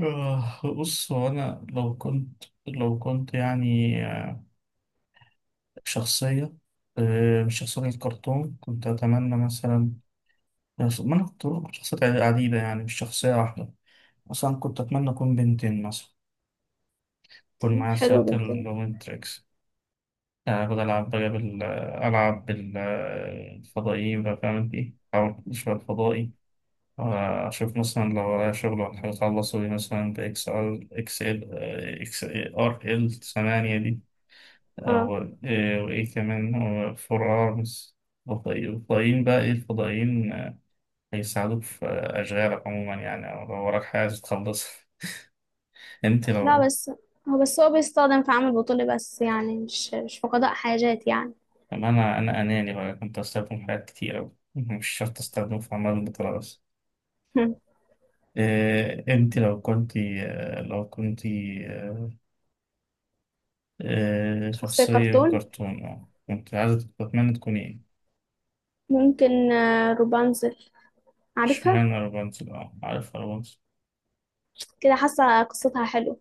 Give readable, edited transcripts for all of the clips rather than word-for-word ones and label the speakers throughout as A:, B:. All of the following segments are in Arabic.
A: بص هو أنا لو كنت يعني شخصية. مش شخصية كرتون كنت أتمنى مثلا. ما أنا كنت بقول شخصيات عديدة يعني مش شخصية واحدة. مثلا كنت أتمنى أكون بنتين مثلا، يكون معايا
B: حلو
A: ساعة
B: بنتنا.
A: الوينتركس. أفضل ألعب بقى ألعب بالفضائيين بقى، فاهم إنت إيه؟ أو شوية فضائي. أشوف مثلا لو ورايا شغل ولا حاجة أخلصه مثلا بإكس إل إكس إل، إكس آر إل 8 دي،
B: اه،
A: أو إيه وإيه كمان هو فرارس. الفضائيين بقى، إيه الفضائيين، هيساعدوك في أشغالك عموما يعني، أو لو وراك حاجة عايز تخلصها. أنت
B: لا
A: لو.
B: بس هو بس هو بيستخدم في عمل بطولي بس يعني مش في قضاء حاجات يعني.
A: أما أنا أناني بقى، كنت أستخدم حاجات كتير أوي مش شرط أستخدم في أعمال البطولة بس. إيه، أنت لو كنت، لو كنت،
B: شخصية
A: شخصية
B: كرتون،
A: كرتون أه، كنت عايزة تتمنى تكون إيه؟
B: ممكن روبانزل، عارفها؟
A: اشمعنى رابنزل؟ أه عارف رابنزل.
B: كده حاسة قصتها حلوة،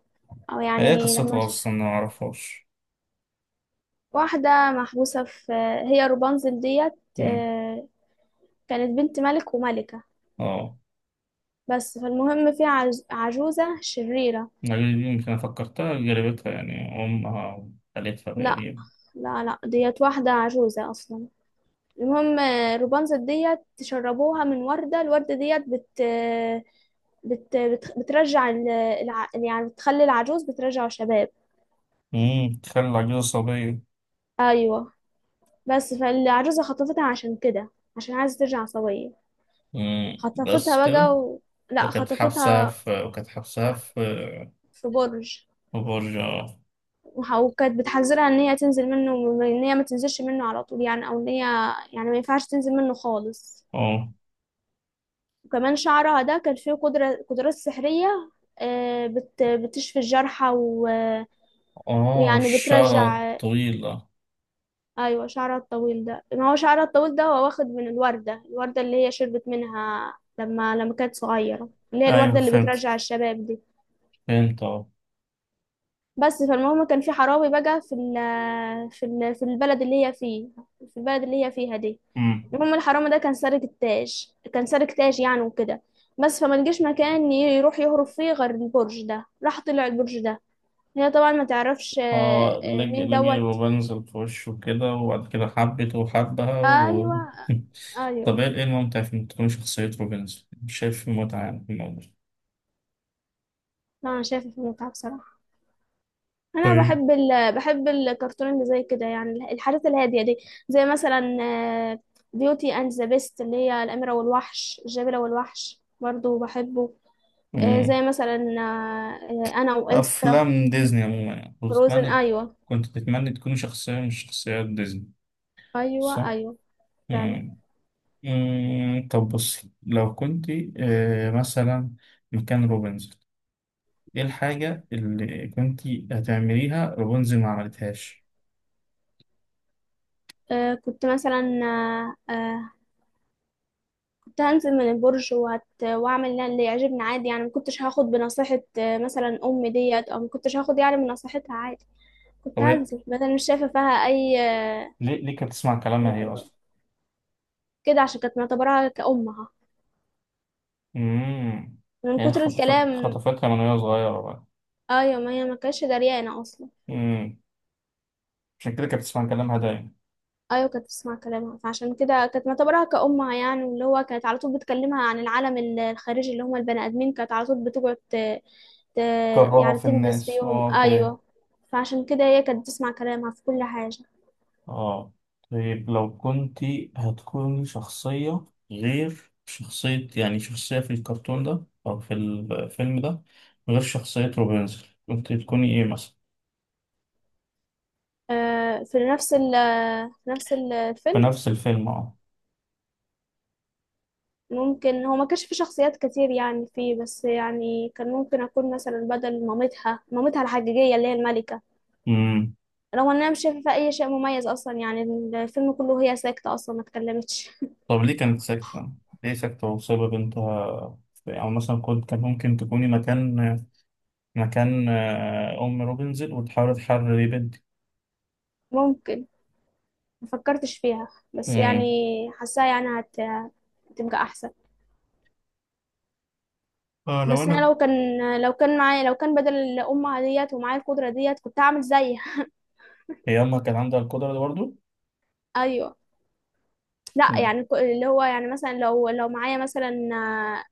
B: او
A: هي
B: يعني لما
A: قصتها أصلا أنا معرفهاش.
B: واحدة محبوسة في، هي روبانزل ديت.
A: مم.
B: آه، كانت بنت ملك وملكة.
A: اه.
B: بس فالمهم في عجوزة شريرة.
A: يمكن فكرتها جربتها يعني أمها وخالتها
B: لا
A: تقريبا.
B: لا ديت واحدة عجوزة أصلا. المهم روبانزل ديت تشربوها من وردة، الوردة ديت بترجع يعني بتخلي العجوز بترجع شباب.
A: أمم، تخلي العجوزة صبية.
B: ايوه، بس فالعجوزة خطفتها عشان كده، عشان عايزة ترجع سوية.
A: أمم، بس
B: خطفتها
A: كده.
B: بقى لا،
A: وكانت حابسة
B: خطفتها
A: في وكانت حابسة في
B: في برج.
A: في برج اه.
B: وكانت بتحذرها ان هي تنزل منه، ان هي ما تنزلش منه على طول يعني، او ان هي يعني ما ينفعش تنزل منه خالص.
A: اه.
B: وكمان شعرها ده كان فيه قدرات سحرية. بتشفي الجرحى ويعني
A: الشعر
B: بترجع.
A: الطويلة.
B: أيوة، شعرها الطويل ده، ما هو شعرها الطويل ده هو واخد من الوردة، الوردة اللي هي شربت منها لما كانت صغيرة، اللي هي
A: أيوة
B: الوردة اللي
A: فهمت،
B: بترجع الشباب دي.
A: فهمت اه.
B: بس فالمهم كان في حراوي بقى في في البلد اللي هي فيه، في البلد اللي هي فيها دي.
A: أمم.
B: المهم الحرامي ده كان سارق التاج، كان سارق تاج يعني وكده. بس فما لقاش مكان يروح يهرب فيه غير البرج ده، راح طلع البرج ده. هي طبعا ما تعرفش
A: اه، لجي
B: مين
A: لجي
B: دوت.
A: وبنزل في وشه كده وبعد كده حبته وحبها و...
B: ايوه،
A: طب
B: ايوه،
A: ايه، إيه الممتع في إن تكون شخصية روبنزل؟ مش شايف في متعة يعني في الموضوع.
B: لا انا شايفه في المتعه بصراحه. انا
A: طيب.
B: بحب الكرتون اللي زي كده يعني، الحاجات الهاديه دي. زي مثلا بيوتي اند ذا بيست، اللي هي الاميره والوحش، الجبله والوحش برضو بحبه. زي مثلا انا وإلسا،
A: أفلام ديزني عموما يعني كنت
B: فروزن.
A: تتمنى،
B: ايوه،
A: كنت تتمنى تكون شخصية من شخصيات ديزني،
B: ايوه،
A: صح؟
B: ايوه فعلا.
A: مم. مم، طب بص لو كنت، مثلا مكان روبنزل، إيه الحاجة اللي كنت هتعمليها روبنزل ما عملتهاش؟
B: كنت مثلا آه، آه، كنت هنزل من البرج واعمل اللي يعجبني عادي يعني، ما كنتش هاخد بنصيحه مثلا امي ديت، او ما كنتش هاخد يعني من نصيحتها عادي. كنت
A: طب
B: هنزل، بدل مش شايفه فيها اي
A: ليه، ليه كانت تسمع كلامها
B: اي
A: هي
B: اضرار
A: أصلا؟
B: كده، عشان كانت معتبراها كأمها
A: مم.
B: من
A: يعني
B: كتر الكلام.
A: خطفتها من وهي صغيرة بقى.
B: ايوه، ما هي ما كانتش دريانة اصلا.
A: مم، عشان كده كانت بتسمع كلامها دايما.
B: ايوه كانت بتسمع كلامها، فعشان كده كانت معتبراها كأمها يعني، واللي هو كانت على طول بتكلمها عن العالم الخارجي، اللي هم البني ادمين، كانت على طول بتقعد ت...
A: كرهها
B: يعني
A: في
B: تنبس
A: الناس
B: فيهم.
A: اه، فاهم.
B: ايوه، فعشان كده هي كانت بتسمع كلامها في كل حاجة.
A: اه. طيب لو كنت هتكوني شخصية، غير شخصية يعني، شخصية في الكرتون ده أو في الفيلم ده، غير شخصية روبنزل كنت تكوني إيه مثلا؟
B: آه، في نفس ال في نفس
A: في
B: الفيلم.
A: نفس الفيلم اه.
B: ممكن هو ما كانش في شخصيات كتير يعني فيه، بس يعني كان ممكن أكون مثلا بدل مامتها الحقيقية اللي هي الملكة.
A: أمم.
B: رغم ان انا مش شايفه فيها اي شيء مميز اصلا يعني، الفيلم كله هي ساكته اصلا ما اتكلمتش.
A: طب ليه كانت ساكتة؟ ليه ساكتة وسايبة بنتها أو مثلا كنت، كان ممكن تكوني مكان، مكان أم روبنزل وتحاول تحرري بنتي.
B: ممكن، ما فكرتش فيها. بس يعني
A: أمم.
B: حاساها يعني هتبقى احسن.
A: اه لو
B: بس انا
A: أنا.
B: لو كان معايا، لو كان بدل الامه ديت ومعايا القدره ديت، كنت هعمل زيها.
A: هي أمها كان عندها القدرة دي برضه؟
B: ايوه، لا
A: أمم.
B: يعني اللي هو يعني مثلا، لو معايا مثلا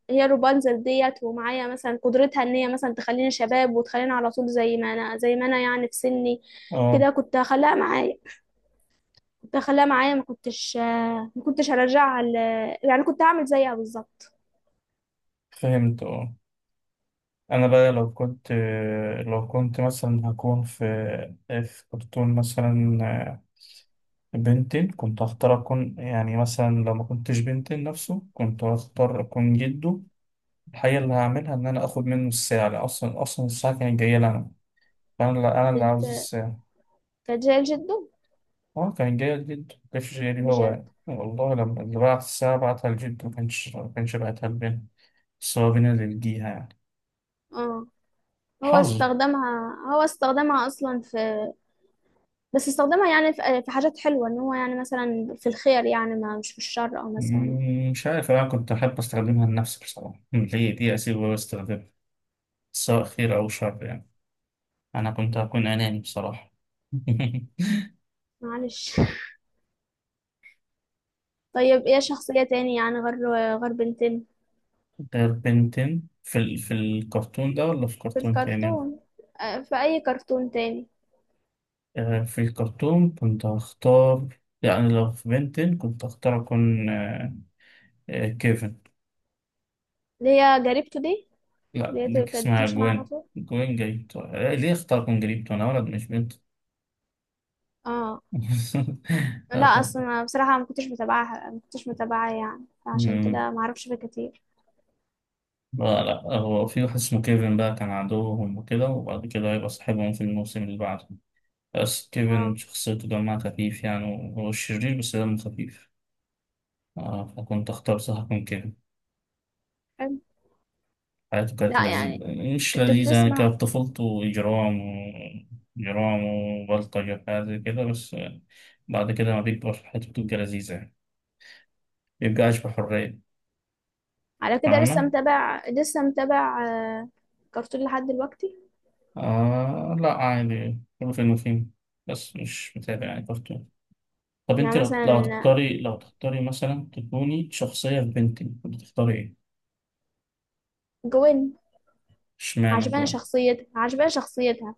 B: هي روبانزل ديت، ومعايا مثلا قدرتها ان هي مثلا تخليني شباب وتخليني على طول زي ما انا، زي ما انا يعني في سني كده،
A: اه
B: كنت هخليها معايا، كنت هخليها معايا. ما كنتش هرجعها. يعني كنت هعمل زيها بالظبط.
A: فهمت اه. انا بقى لو كنت، مثلا هكون في، في كرتون مثلا بنتين كنت هختار اكون، يعني مثلا لو ما كنتش بنتين نفسه كنت هختار اكون جده. الحقيقة اللي هعملها ان انا اخد منه الساعة لأن اصلا الساعة كانت جاية لي انا، فانا اللي انا اللي
B: كانت
A: عاوز الساعة.
B: كانت جاية لجده.
A: اه كانت جاية لجده، ما كانتش جاية لي، هو
B: بجد؟
A: يعني والله لما اللي بعت الساعة بعتها لجده ما كانش بعتها لبنت. بس هو بينا اللي لجيها يعني،
B: اه. هو
A: حظ.
B: استخدمها، هو استخدمها اصلا في، بس استخدمها يعني في حاجات حلوة، ان هو يعني مثلا في الخير يعني، ما مش في الشر، او مثلا.
A: مم، مش عارف، أنا كنت أحب أستخدمها لنفسي بصراحة. مم، هي دي أسيبها وأستخدمها، سواء خير أو شر يعني، أنا كنت هكون أناني بصراحة.
B: معلش. طيب ايه شخصية تاني يعني، غير غير بنتين
A: غير بنتين في ال... في الكرتون ده ولا في
B: في
A: كرتون تاني؟
B: الكرتون، في اي كرتون تاني؟
A: في الكرتون كنت هختار، يعني لو في بنتين كنت هختار أكون كيفن.
B: اللي هي جريبته دي،
A: لا
B: اللي هي
A: ديك
B: كانت
A: اسمها
B: بتمشي معاها على
A: جوين،
B: طول.
A: جريبتو. ليه اختار أكون جريبتو؟ أنا ولد مش بنت.
B: اه.
A: لا،
B: لا
A: طب.
B: اصلا أنا بصراحه ما كنتش متابعاها، ما كنتش متابعاها يعني، عشان كده ما اعرفش فيه كتير.
A: لا لا، هو في واحد اسمه كيفن بقى، كان عدوهم وكده وبعد كده هيبقى صاحبهم في الموسم اللي بعده. بس كيفن
B: اه،
A: شخصيته دمها خفيف، يعني هو شرير بس دمه خفيف. آه، فكنت أختار صح من كيفن.
B: حلو.
A: حياته كانت
B: لا يعني
A: لذيذة. مش
B: كنت
A: لذيذة يعني،
B: بتسمع،
A: كانت طفولته إجرام وبلطجة وحاجات زي كده، بس بعد كده ما بيكبر حياته بتبقى لذيذة يعني، مبيبقاش بحرية،
B: على كده لسه
A: فاهمة؟
B: متابع، لسه متابع آه، كرتون لحد دلوقتي.
A: آه لا عادي، كله فين وفين، بس مش متابع يعني كرتون. طب انت
B: يعني
A: لو،
B: مثلا
A: لو
B: آه،
A: هتختاري لو تختاري مثلا تكوني شخصية في بنتين كنت تختاري ايه؟
B: جوين،
A: اشمعنى
B: عجباني
A: جوان؟
B: شخصيتها، عجباني شخصيتها.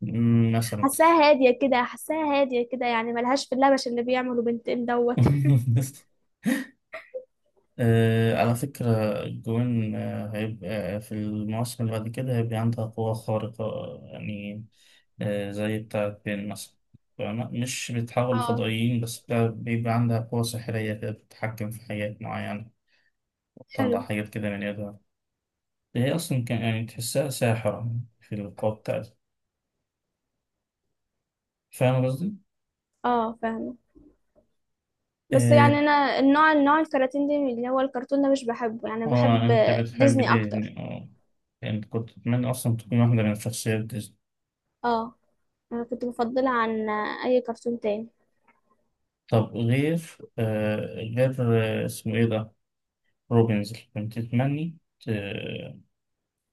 A: مم، مثلا.
B: حاساها هاديه كده، حاساها هاديه كده يعني، ملهاش في اللبش اللي بيعمله بنتين دوت.
A: آه على فكرة جوان، هيبقى في المواسم اللي بعد كده هيبقى عندها قوة خارقة يعني، آه زي بتاعة بين مثلا، فاهمة؟ مش بتحول
B: اه،
A: لفضائيين بس، بيبقى عندها قوة سحرية كده، بتتحكم في حاجات معينة،
B: حلو.
A: بتطلع حاجات كده من يدها. هي أصلا كان يعني تحسها ساحرة في القوة بتاعتها، فاهم قصدي؟
B: اه فاهمه. بس
A: آه،
B: يعني انا النوع الكراتين دي، اللي هو الكرتون ده مش بحبه يعني،
A: اه
B: بحب
A: انت بتحب
B: ديزني اكتر.
A: ديزني اه. انت كنت تتمنى اصلا تكون واحدة من شخصيات ديزني.
B: اه، أنا كنت بفضلها عن أي كرتون تاني.
A: طب غير آه، غير آه، اسمه ايه ده، روبنز، كنت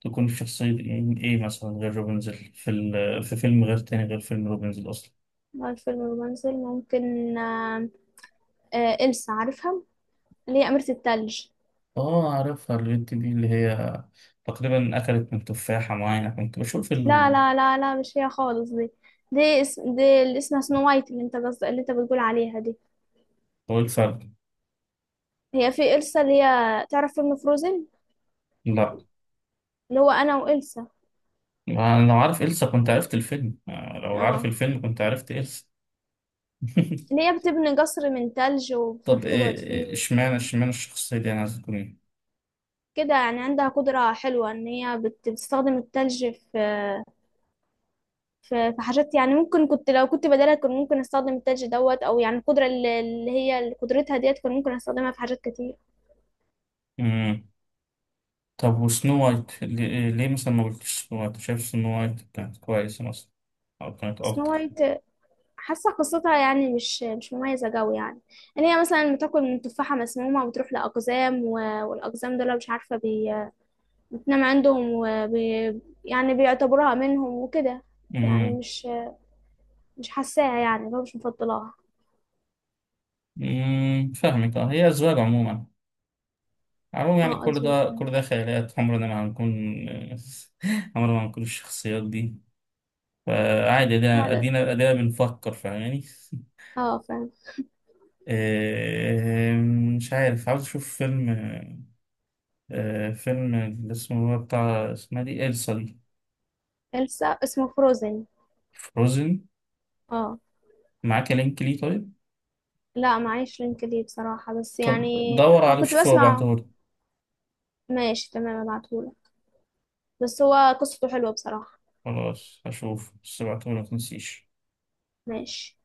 A: تكون في شخصية ايه، إيه مثلا غير روبنز، في ال... في فيلم غير تاني غير فيلم روبنز اصلا.
B: بقى الفيلم الرومانسي ممكن إلسا، عارفها؟ اللي هي أميرة التلج.
A: اه عارفها البنت دي، اللي هي تقريبا اكلت من تفاحة معينة كنت بشوف
B: لا
A: ال...
B: لا لا لا، مش هي خالص دي. دي اسم دي اللي اسمها سنو وايت، اللي انت قصد اللي انت بتقول عليها دي.
A: هو الفرق.
B: هي في إلسا اللي هي، تعرف فيلم فروزن؟
A: لا،
B: اللي هو أنا وإلسا.
A: ما أنا لو عارف إلسا كنت عرفت الفيلم، لو عارف
B: اه،
A: الفيلم كنت عرفت إلسا.
B: اللي هي بتبني قصر من تلج وبتروح
A: طب
B: تقعد فيه.
A: اشمعنى،
B: وك-
A: اشمعنى الشخصية دي أنا عايز تكون إيه؟
B: كده يعني عندها قدرة حلوة، إن هي بتستخدم التلج في فحاجات يعني، ممكن كنت، لو كنت بدالها كان ممكن استخدم التاج دوت، او يعني القدره اللي هي اللي قدرتها ديت كان ممكن استخدمها في حاجات كتير.
A: مم. طب وسنو وايت ليه، ليه مثلا ما قلتش سنو وايت، شايف سنو وايت كانت كويسة مثلا أو كانت أفضل؟
B: سنو وايت حاسه قصتها يعني مش مميزه قوي يعني، ان هي مثلا بتاكل من تفاحه مسمومه وبتروح لاقزام، والاقزام دول مش عارفه بتنام عندهم يعني بيعتبروها منهم وكده. يعني
A: مم.
B: مش حاساها يعني اللي هو، مش مفضلاها.
A: مم، فاهمك أه، هي أذواق عموما، عموما يعني،
B: اه،
A: كل
B: اظن.
A: ده كل ده خيالات عمرنا ما هنكون. عمرنا ما هنكون الشخصيات دي، فعادي أدينا
B: فعلا،
A: أدينا أدينا بنفكر فاهماني.
B: اه فعلا.
A: إيه، مش عارف، عاوز أشوف فيلم، فيلم اللي اسمه هو بتاع اسمها دي، إلسا دي.
B: السا اسمه فروزن.
A: فروزن.
B: اه.
A: معاك لينك ليه طيب؟
B: لا معيش لينك ليه بصراحة، بس
A: طب
B: يعني
A: دور
B: أو
A: عليه
B: كنت
A: وشوف هو
B: بسمع.
A: بعتهولك.
B: ماشي تمام، ابعتهولك. بس هو قصته حلوة بصراحة.
A: خلاص هشوف، بس بعتهولك متنسيش.
B: ماشي.